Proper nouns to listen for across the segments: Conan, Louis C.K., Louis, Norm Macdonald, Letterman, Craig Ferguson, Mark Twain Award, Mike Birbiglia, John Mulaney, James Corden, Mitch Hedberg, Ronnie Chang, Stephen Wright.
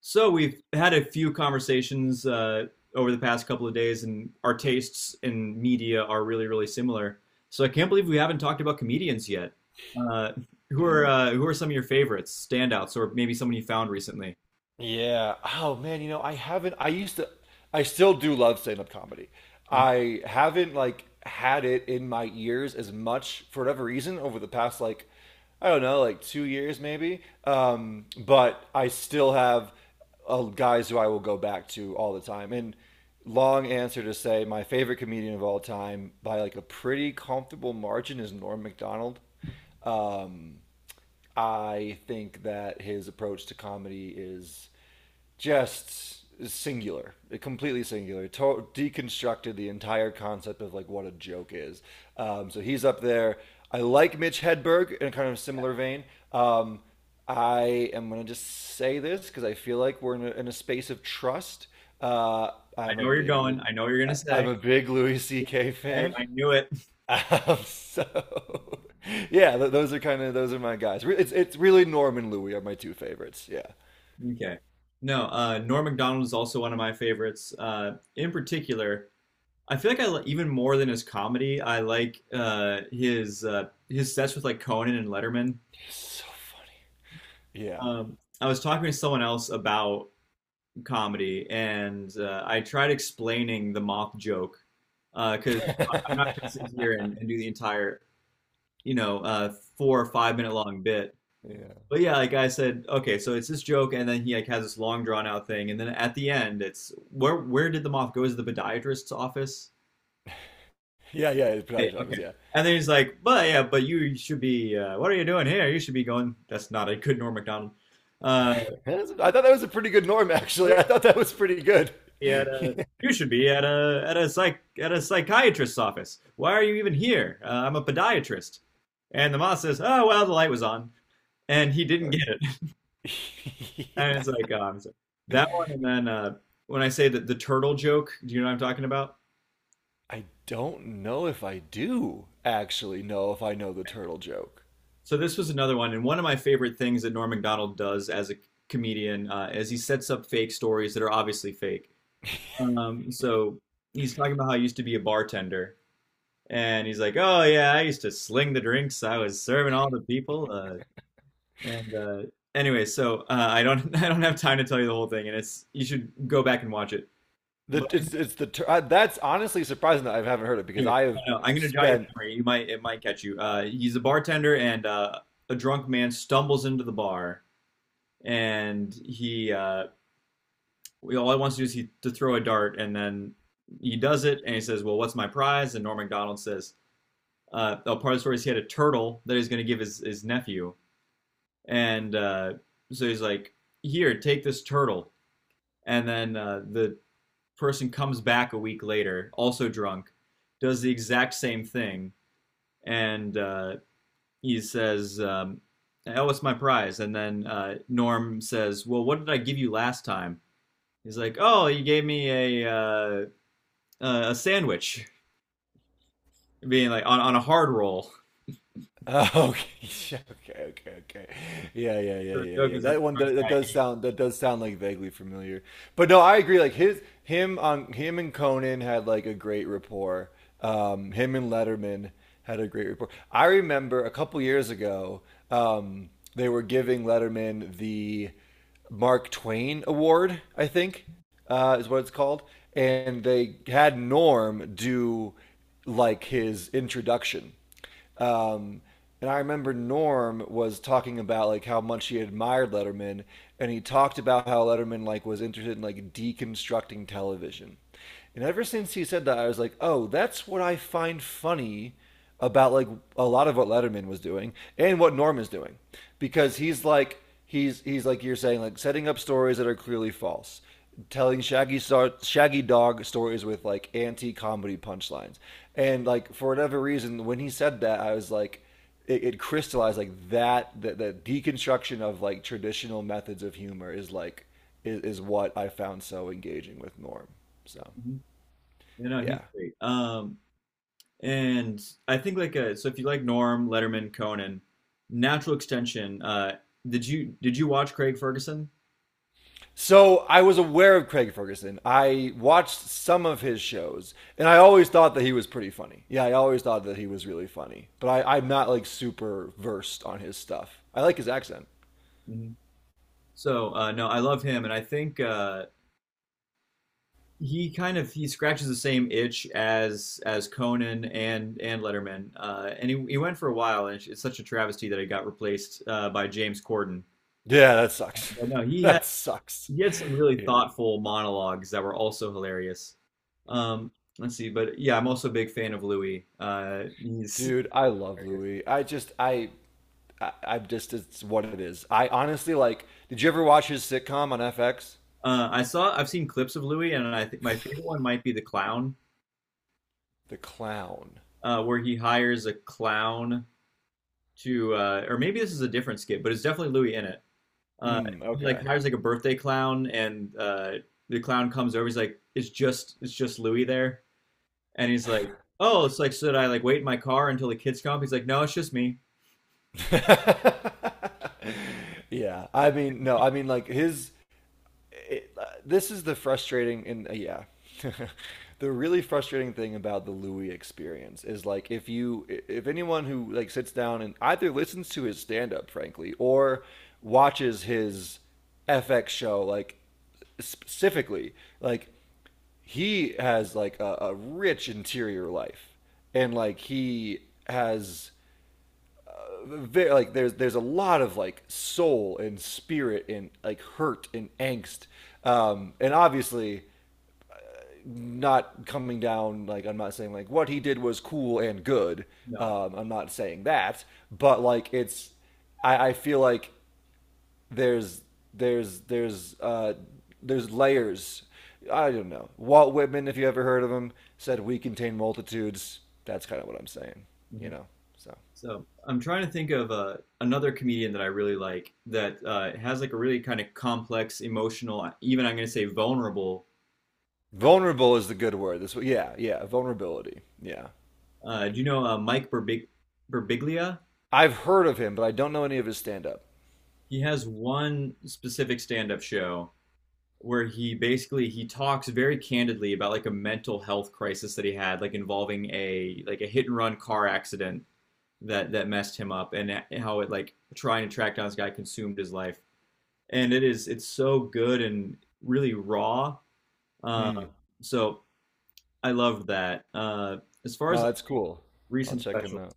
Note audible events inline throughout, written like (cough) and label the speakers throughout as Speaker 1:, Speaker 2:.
Speaker 1: So we've had a few conversations over the past couple of days, and our tastes in media are really, really similar. So I can't believe we haven't talked about comedians yet. Uh, who
Speaker 2: Yeah.
Speaker 1: are uh, who are some of your favorites, standouts, or maybe someone you found recently?
Speaker 2: Yeah. Oh man, you know, I haven't I used to I still do love stand-up comedy.
Speaker 1: Mhm.
Speaker 2: I haven't like had it in my ears as much for whatever reason over the past like, I don't know, like 2 years maybe. But I still have guys who I will go back to all the time. And long answer to say my favorite comedian of all time by like a pretty comfortable margin is Norm Macdonald. Um I think that his approach to comedy is just singular, completely singular. Deconstructed the entire concept of like what a joke is. So he's up there. I like Mitch Hedberg in a kind of similar vein. Um, I am gonna just say this because I feel like we're in a space of trust. Uh,
Speaker 1: I
Speaker 2: I'm
Speaker 1: know
Speaker 2: a
Speaker 1: where you're going. I know what you're gonna say.
Speaker 2: Big Louis C.K.
Speaker 1: Hey,
Speaker 2: fan.
Speaker 1: I knew it. (laughs)
Speaker 2: Um, so, (laughs) yeah, those are my guys. It's really Norm and Louie are my two favorites. Yeah,
Speaker 1: Okay. No, Norm Macdonald is also one of my favorites. In particular, I feel like even more than his comedy, I like his sets with like Conan and Letterman.
Speaker 2: it's so funny. Yeah,
Speaker 1: I was talking to someone else about comedy, and I tried explaining the moth joke because I'm not going to sit here
Speaker 2: (laughs)
Speaker 1: and do the entire, you know, 4 or 5 minute long bit.
Speaker 2: yeah,
Speaker 1: But yeah, like I said, okay, so it's this joke, and then he like has this long drawn out thing, and then at the end, it's where did the moth go? Is it the podiatrist's office?
Speaker 2: yeah, yeah. It's
Speaker 1: Hey,
Speaker 2: Pride
Speaker 1: okay.
Speaker 2: Drivers. Yeah,
Speaker 1: And then he's like, but yeah, but you should be. What are you doing here? You should be going. That's not a good Norm Macdonald. Uh,
Speaker 2: I thought that was a pretty good Norm actually. I thought that was pretty good. (laughs)
Speaker 1: be at a
Speaker 2: Yeah.
Speaker 1: you should be at a psychiatrist's office. Why are you even here? I'm a podiatrist." And the moth says, "Oh well, the light was on," and he didn't get
Speaker 2: Perfect.
Speaker 1: it. (laughs)
Speaker 2: (laughs)
Speaker 1: And
Speaker 2: Yeah.
Speaker 1: it's like oh, I that one. And then when I say that the turtle joke, do you know what I'm talking about?
Speaker 2: I don't know if I do actually know if I know the turtle joke.
Speaker 1: So this was another one, and one of my favorite things that Norm Macdonald does as a comedian is he sets up fake stories that are obviously fake. So he's talking about how he used to be a bartender. And he's like, "Oh yeah, I used to sling the drinks. I was serving all the people." And anyway, so I don't (laughs) I don't have time to tell you the whole thing, and it's you should go back and watch it. But
Speaker 2: The it's the tur- That's honestly surprising that I haven't heard it because
Speaker 1: anyway,
Speaker 2: I have
Speaker 1: no, no, I'm gonna jog your
Speaker 2: spent.
Speaker 1: memory. You might it might catch you. He's a bartender, and a drunk man stumbles into the bar, and he all he wants to do is he to throw a dart, and then he does it, and he says, "Well, what's my prize?" And Norm Macdonald says, "Oh, part of the story is he had a turtle that he's gonna give his nephew." and So he's like, "Here, take this turtle." And then the person comes back a week later, also drunk, does the exact same thing, and he says, "Oh, what's my prize?" And then Norm says, "Well, what did I give you last time?" He's like, "Oh, you gave me a uh, a sandwich, being like on a hard roll." (laughs)
Speaker 2: Oh, (laughs) okay, okay, okay, okay. Yeah, yeah,
Speaker 1: So
Speaker 2: yeah,
Speaker 1: the
Speaker 2: yeah,
Speaker 1: joke
Speaker 2: yeah.
Speaker 1: is that the drunk,
Speaker 2: That does sound, that does sound like vaguely familiar. But no, I agree. Like his him on Him and Conan had like a great rapport. Him and Letterman had a great rapport. I remember a couple years ago, um, they were giving Letterman the Mark Twain Award, I think is what it's called, and they had Norm do like his introduction. Um, and I remember Norm was talking about like how much he admired Letterman, and he talked about how Letterman like was interested in like deconstructing television. And ever since he said that, I was like, oh, that's what I find funny about like a lot of what Letterman was doing and what Norm is doing, because he's like you're saying, like setting up stories that are clearly false, telling Shaggy Dog stories with like anti comedy punchlines. And like for whatever reason, when he said that, I was like, it crystallized, like that the deconstruction of like traditional methods of humor is is what I found so engaging with Norm. So
Speaker 1: mm-hmm. You know, he's
Speaker 2: yeah.
Speaker 1: great. And I think like if you like Norm, Letterman, Conan, Natural Extension, did you watch Craig Ferguson?
Speaker 2: So I was aware of Craig Ferguson. I watched some of his shows, and I always thought that he was pretty funny. Yeah, I always thought that he was really funny. But I'm not like super versed on his stuff. I like his accent.
Speaker 1: Mhm. So no, I love him and I think he kind of he scratches the same itch as Conan and Letterman, and he went for a while, and it's such a travesty that he got replaced by James Corden.
Speaker 2: Yeah, that sucks. (laughs)
Speaker 1: But no,
Speaker 2: That sucks.
Speaker 1: he had some really
Speaker 2: Yeah.
Speaker 1: thoughtful monologues that were also hilarious. Um, let's see, but yeah, I'm also a big fan of Louis. He's
Speaker 2: Dude, I love
Speaker 1: hilarious.
Speaker 2: Louis. I just it's what it is. I honestly like did you ever watch his sitcom on FX?
Speaker 1: I've seen clips of Louis, and I think my favorite one might be the clown,
Speaker 2: The Clown.
Speaker 1: where he hires a clown to, or maybe this is a different skit, but it's definitely Louis in it. Uh,
Speaker 2: Hmm,
Speaker 1: he like
Speaker 2: okay.
Speaker 1: hires like a birthday clown, and the clown comes over. He's like, it's just Louis there," and he's like, "Oh, it's like should I like wait in my car until the kids come? Up?" He's like, "No, it's just me."
Speaker 2: (laughs) yeah. I mean, no, I mean like this is the frustrating and (laughs) the really frustrating thing about the Louis experience is like if you if anyone who like sits down and either listens to his stand-up frankly or watches his FX show like specifically, like he has like a rich interior life, and like he has very, like there's a lot of like soul and spirit and like hurt and angst, and obviously not coming down, like I'm not saying like what he did was cool and good.
Speaker 1: No.
Speaker 2: I'm not saying that, but like it's I feel like there's there's there's uh there's layers. I don't know, Walt Whitman, if you ever heard of him, said we contain multitudes. That's kind of what I'm saying, you
Speaker 1: Mhm.
Speaker 2: know. So
Speaker 1: So I'm trying to think of another comedian that I really like that has like a really kind of complex, emotional, even I'm going to say vulnerable.
Speaker 2: vulnerable is the good word. This, yeah, yeah, vulnerability. Yeah,
Speaker 1: Do you know Mike Birbig Birbiglia?
Speaker 2: I've heard of him, but I don't know any of his stand-up.
Speaker 1: He has one specific stand-up show where he talks very candidly about like a mental health crisis that he had, like involving a like a hit and run car accident that that messed him up, and how it like trying to track down this guy consumed his life. And it's so good and really raw. Uh,
Speaker 2: Mm.
Speaker 1: so I loved that. As far as
Speaker 2: No,
Speaker 1: like
Speaker 2: that's cool. I'll
Speaker 1: recent
Speaker 2: check him
Speaker 1: specials,
Speaker 2: out.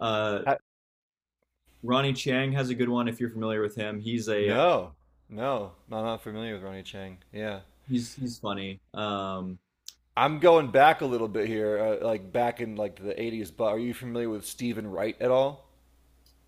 Speaker 1: uh,
Speaker 2: Ha-
Speaker 1: Ronnie Chang has a good one if you're familiar with him.
Speaker 2: no, no, no, I'm not familiar with Ronnie Chang. Yeah,
Speaker 1: He's he's funny.
Speaker 2: I'm going back a little bit here, like back in like the '80s. But are you familiar with Stephen Wright at all?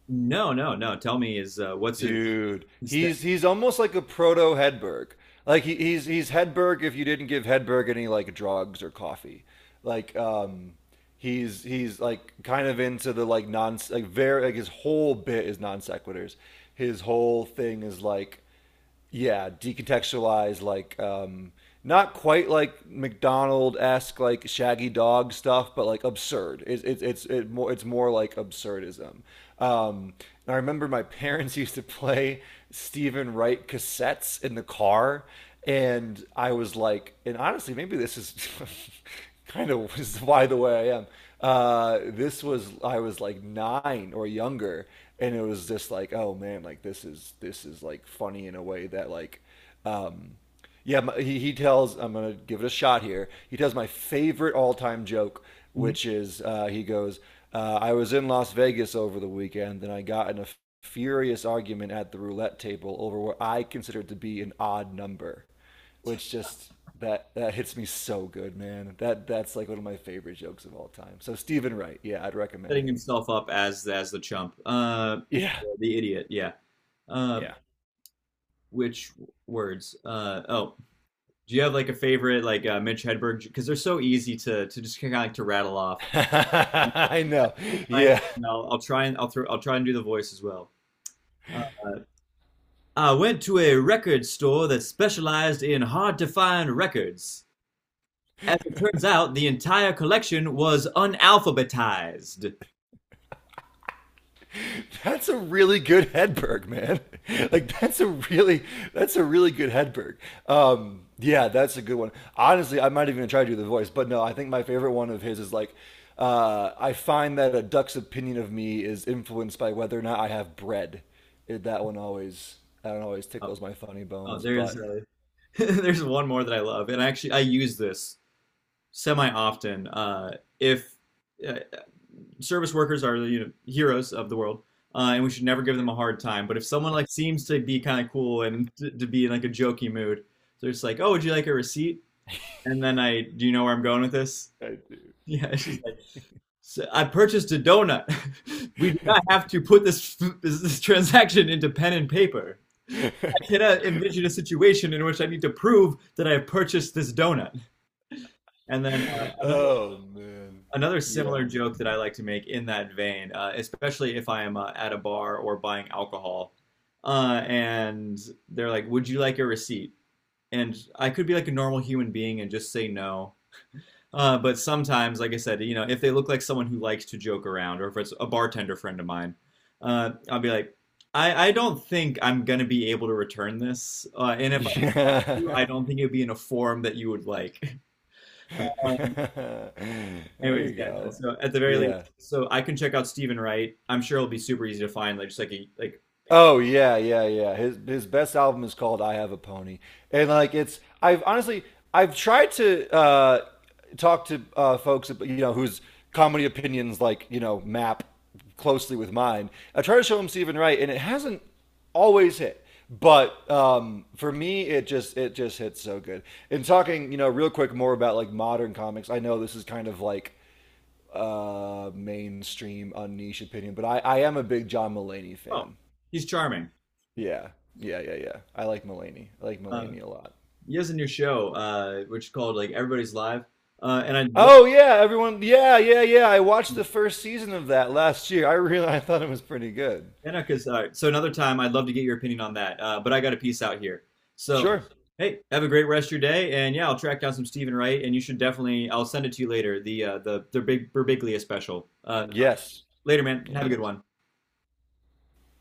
Speaker 1: No, no, no. Tell me, is what's
Speaker 2: Dude,
Speaker 1: his thing?
Speaker 2: he's almost like a proto Hedberg. Like he's Hedberg if you didn't give Hedberg any like drugs or coffee. Like he's like kind of into the like non, like very like his whole bit is non sequiturs. His whole thing is like yeah, decontextualized, like not quite like McDonald esque, like Shaggy Dog stuff, but like absurd. It's more like absurdism. Um, and I remember my (laughs) parents used to play Stephen Wright cassettes in the car, and I was like, and honestly, maybe this is (laughs) kind of is why the way I am. This was, I was like nine or younger, and it was just like oh man, like this is like funny in a way that like um yeah. He tells, I'm gonna give it a shot here, he tells my favorite all-time joke,
Speaker 1: Mhm.
Speaker 2: which is, he goes, I was in Las Vegas over the weekend and I got in a furious argument at the roulette table over what I considered to be an odd number, which just, that hits me so good man. That's like one of my favorite jokes of all time. So Stephen Wright, yeah, I'd recommend
Speaker 1: Setting
Speaker 2: him.
Speaker 1: himself up as the chump,
Speaker 2: Yeah.
Speaker 1: the idiot. Yeah. Uh,
Speaker 2: Yeah.
Speaker 1: which words? Oh, do you have like a favorite like Mitch Hedberg? Because they're so easy to just kind of like to rattle off.
Speaker 2: (laughs) I know.
Speaker 1: Mine,
Speaker 2: Yeah.
Speaker 1: I'll throw I'll try and do the voice as well. I went to a record store that specialized in hard-to-find records. As it turns out, the entire collection was unalphabetized.
Speaker 2: That's a really good Hedberg, man. (laughs) Like that's a really good Hedberg. Yeah, that's a good one. Honestly, I might even try to do the voice, but no, I think my favorite one of his is like, I find that a duck's opinion of me is influenced by whether or not I have bread. It, that one always That one always
Speaker 1: Oh,
Speaker 2: tickles my funny
Speaker 1: oh
Speaker 2: bones,
Speaker 1: there's
Speaker 2: but
Speaker 1: (laughs) there's one more that I love, and actually I use this semi often. If uh, service workers are, you know, heroes of the world, and we should never give them a hard time. But if someone like seems to be kind of cool and to be in like a jokey mood, they're just like, "Oh, would you like a receipt?" And then do you know where I'm going with this? (laughs)
Speaker 2: I
Speaker 1: Yeah, it's just like, so I purchased a donut. (laughs) We do
Speaker 2: do.
Speaker 1: not have to put (laughs) this transaction into pen and paper. I cannot envision a situation in which I need to prove that I have purchased this donut. And then uh,
Speaker 2: (laughs)
Speaker 1: another
Speaker 2: oh man.
Speaker 1: another similar
Speaker 2: Yeah.
Speaker 1: joke that I like to make in that vein, especially if I am at a bar or buying alcohol, and they're like, "Would you like a receipt?" And I could be like a normal human being and just say no. But sometimes, like I said, you know, if they look like someone who likes to joke around, or if it's a bartender friend of mine, I'll be like, I don't think I'm gonna be able to return this, and if
Speaker 2: (laughs)
Speaker 1: I do,
Speaker 2: Yeah.
Speaker 1: I don't think it'd be in a form that you would like. (laughs)
Speaker 2: (laughs)
Speaker 1: Uh,
Speaker 2: there
Speaker 1: anyways,
Speaker 2: you
Speaker 1: yeah. No,
Speaker 2: go.
Speaker 1: so at the very least,
Speaker 2: Yeah.
Speaker 1: so I can check out Stephen Wright. I'm sure it'll be super easy to find. Like just like a, like
Speaker 2: Oh yeah, yeah, yeah. His best album is called "I Have a Pony," and like it's, I've honestly I've tried to talk to folks you know whose comedy opinions like you know map closely with mine. I try to show them Stephen Wright, and it hasn't always hit. But for me, it just hits so good. And talking, you know, real quick more about like modern comics. I know this is kind of like mainstream, unniche opinion, but I am a big John Mulaney
Speaker 1: oh,
Speaker 2: fan.
Speaker 1: he's charming.
Speaker 2: Yeah, yeah, yeah, yeah. I like Mulaney. I like
Speaker 1: Uh,
Speaker 2: Mulaney a lot.
Speaker 1: he has a new show, which is called like Everybody's Live, and I love.
Speaker 2: Oh yeah, everyone. Yeah, yeah, yeah. I watched the first season of that last year. I thought it was pretty good.
Speaker 1: Yeah, no, because all right. So another time, I'd love to get your opinion on that. But I got a piece out here. So,
Speaker 2: Sure.
Speaker 1: hey, have a great rest of your day, and yeah, I'll track down some Stephen Wright, and you should definitely. I'll send it to you later. The the big Berbiglia special.
Speaker 2: Yes.
Speaker 1: Later, man. Have
Speaker 2: Yeah.
Speaker 1: a good one.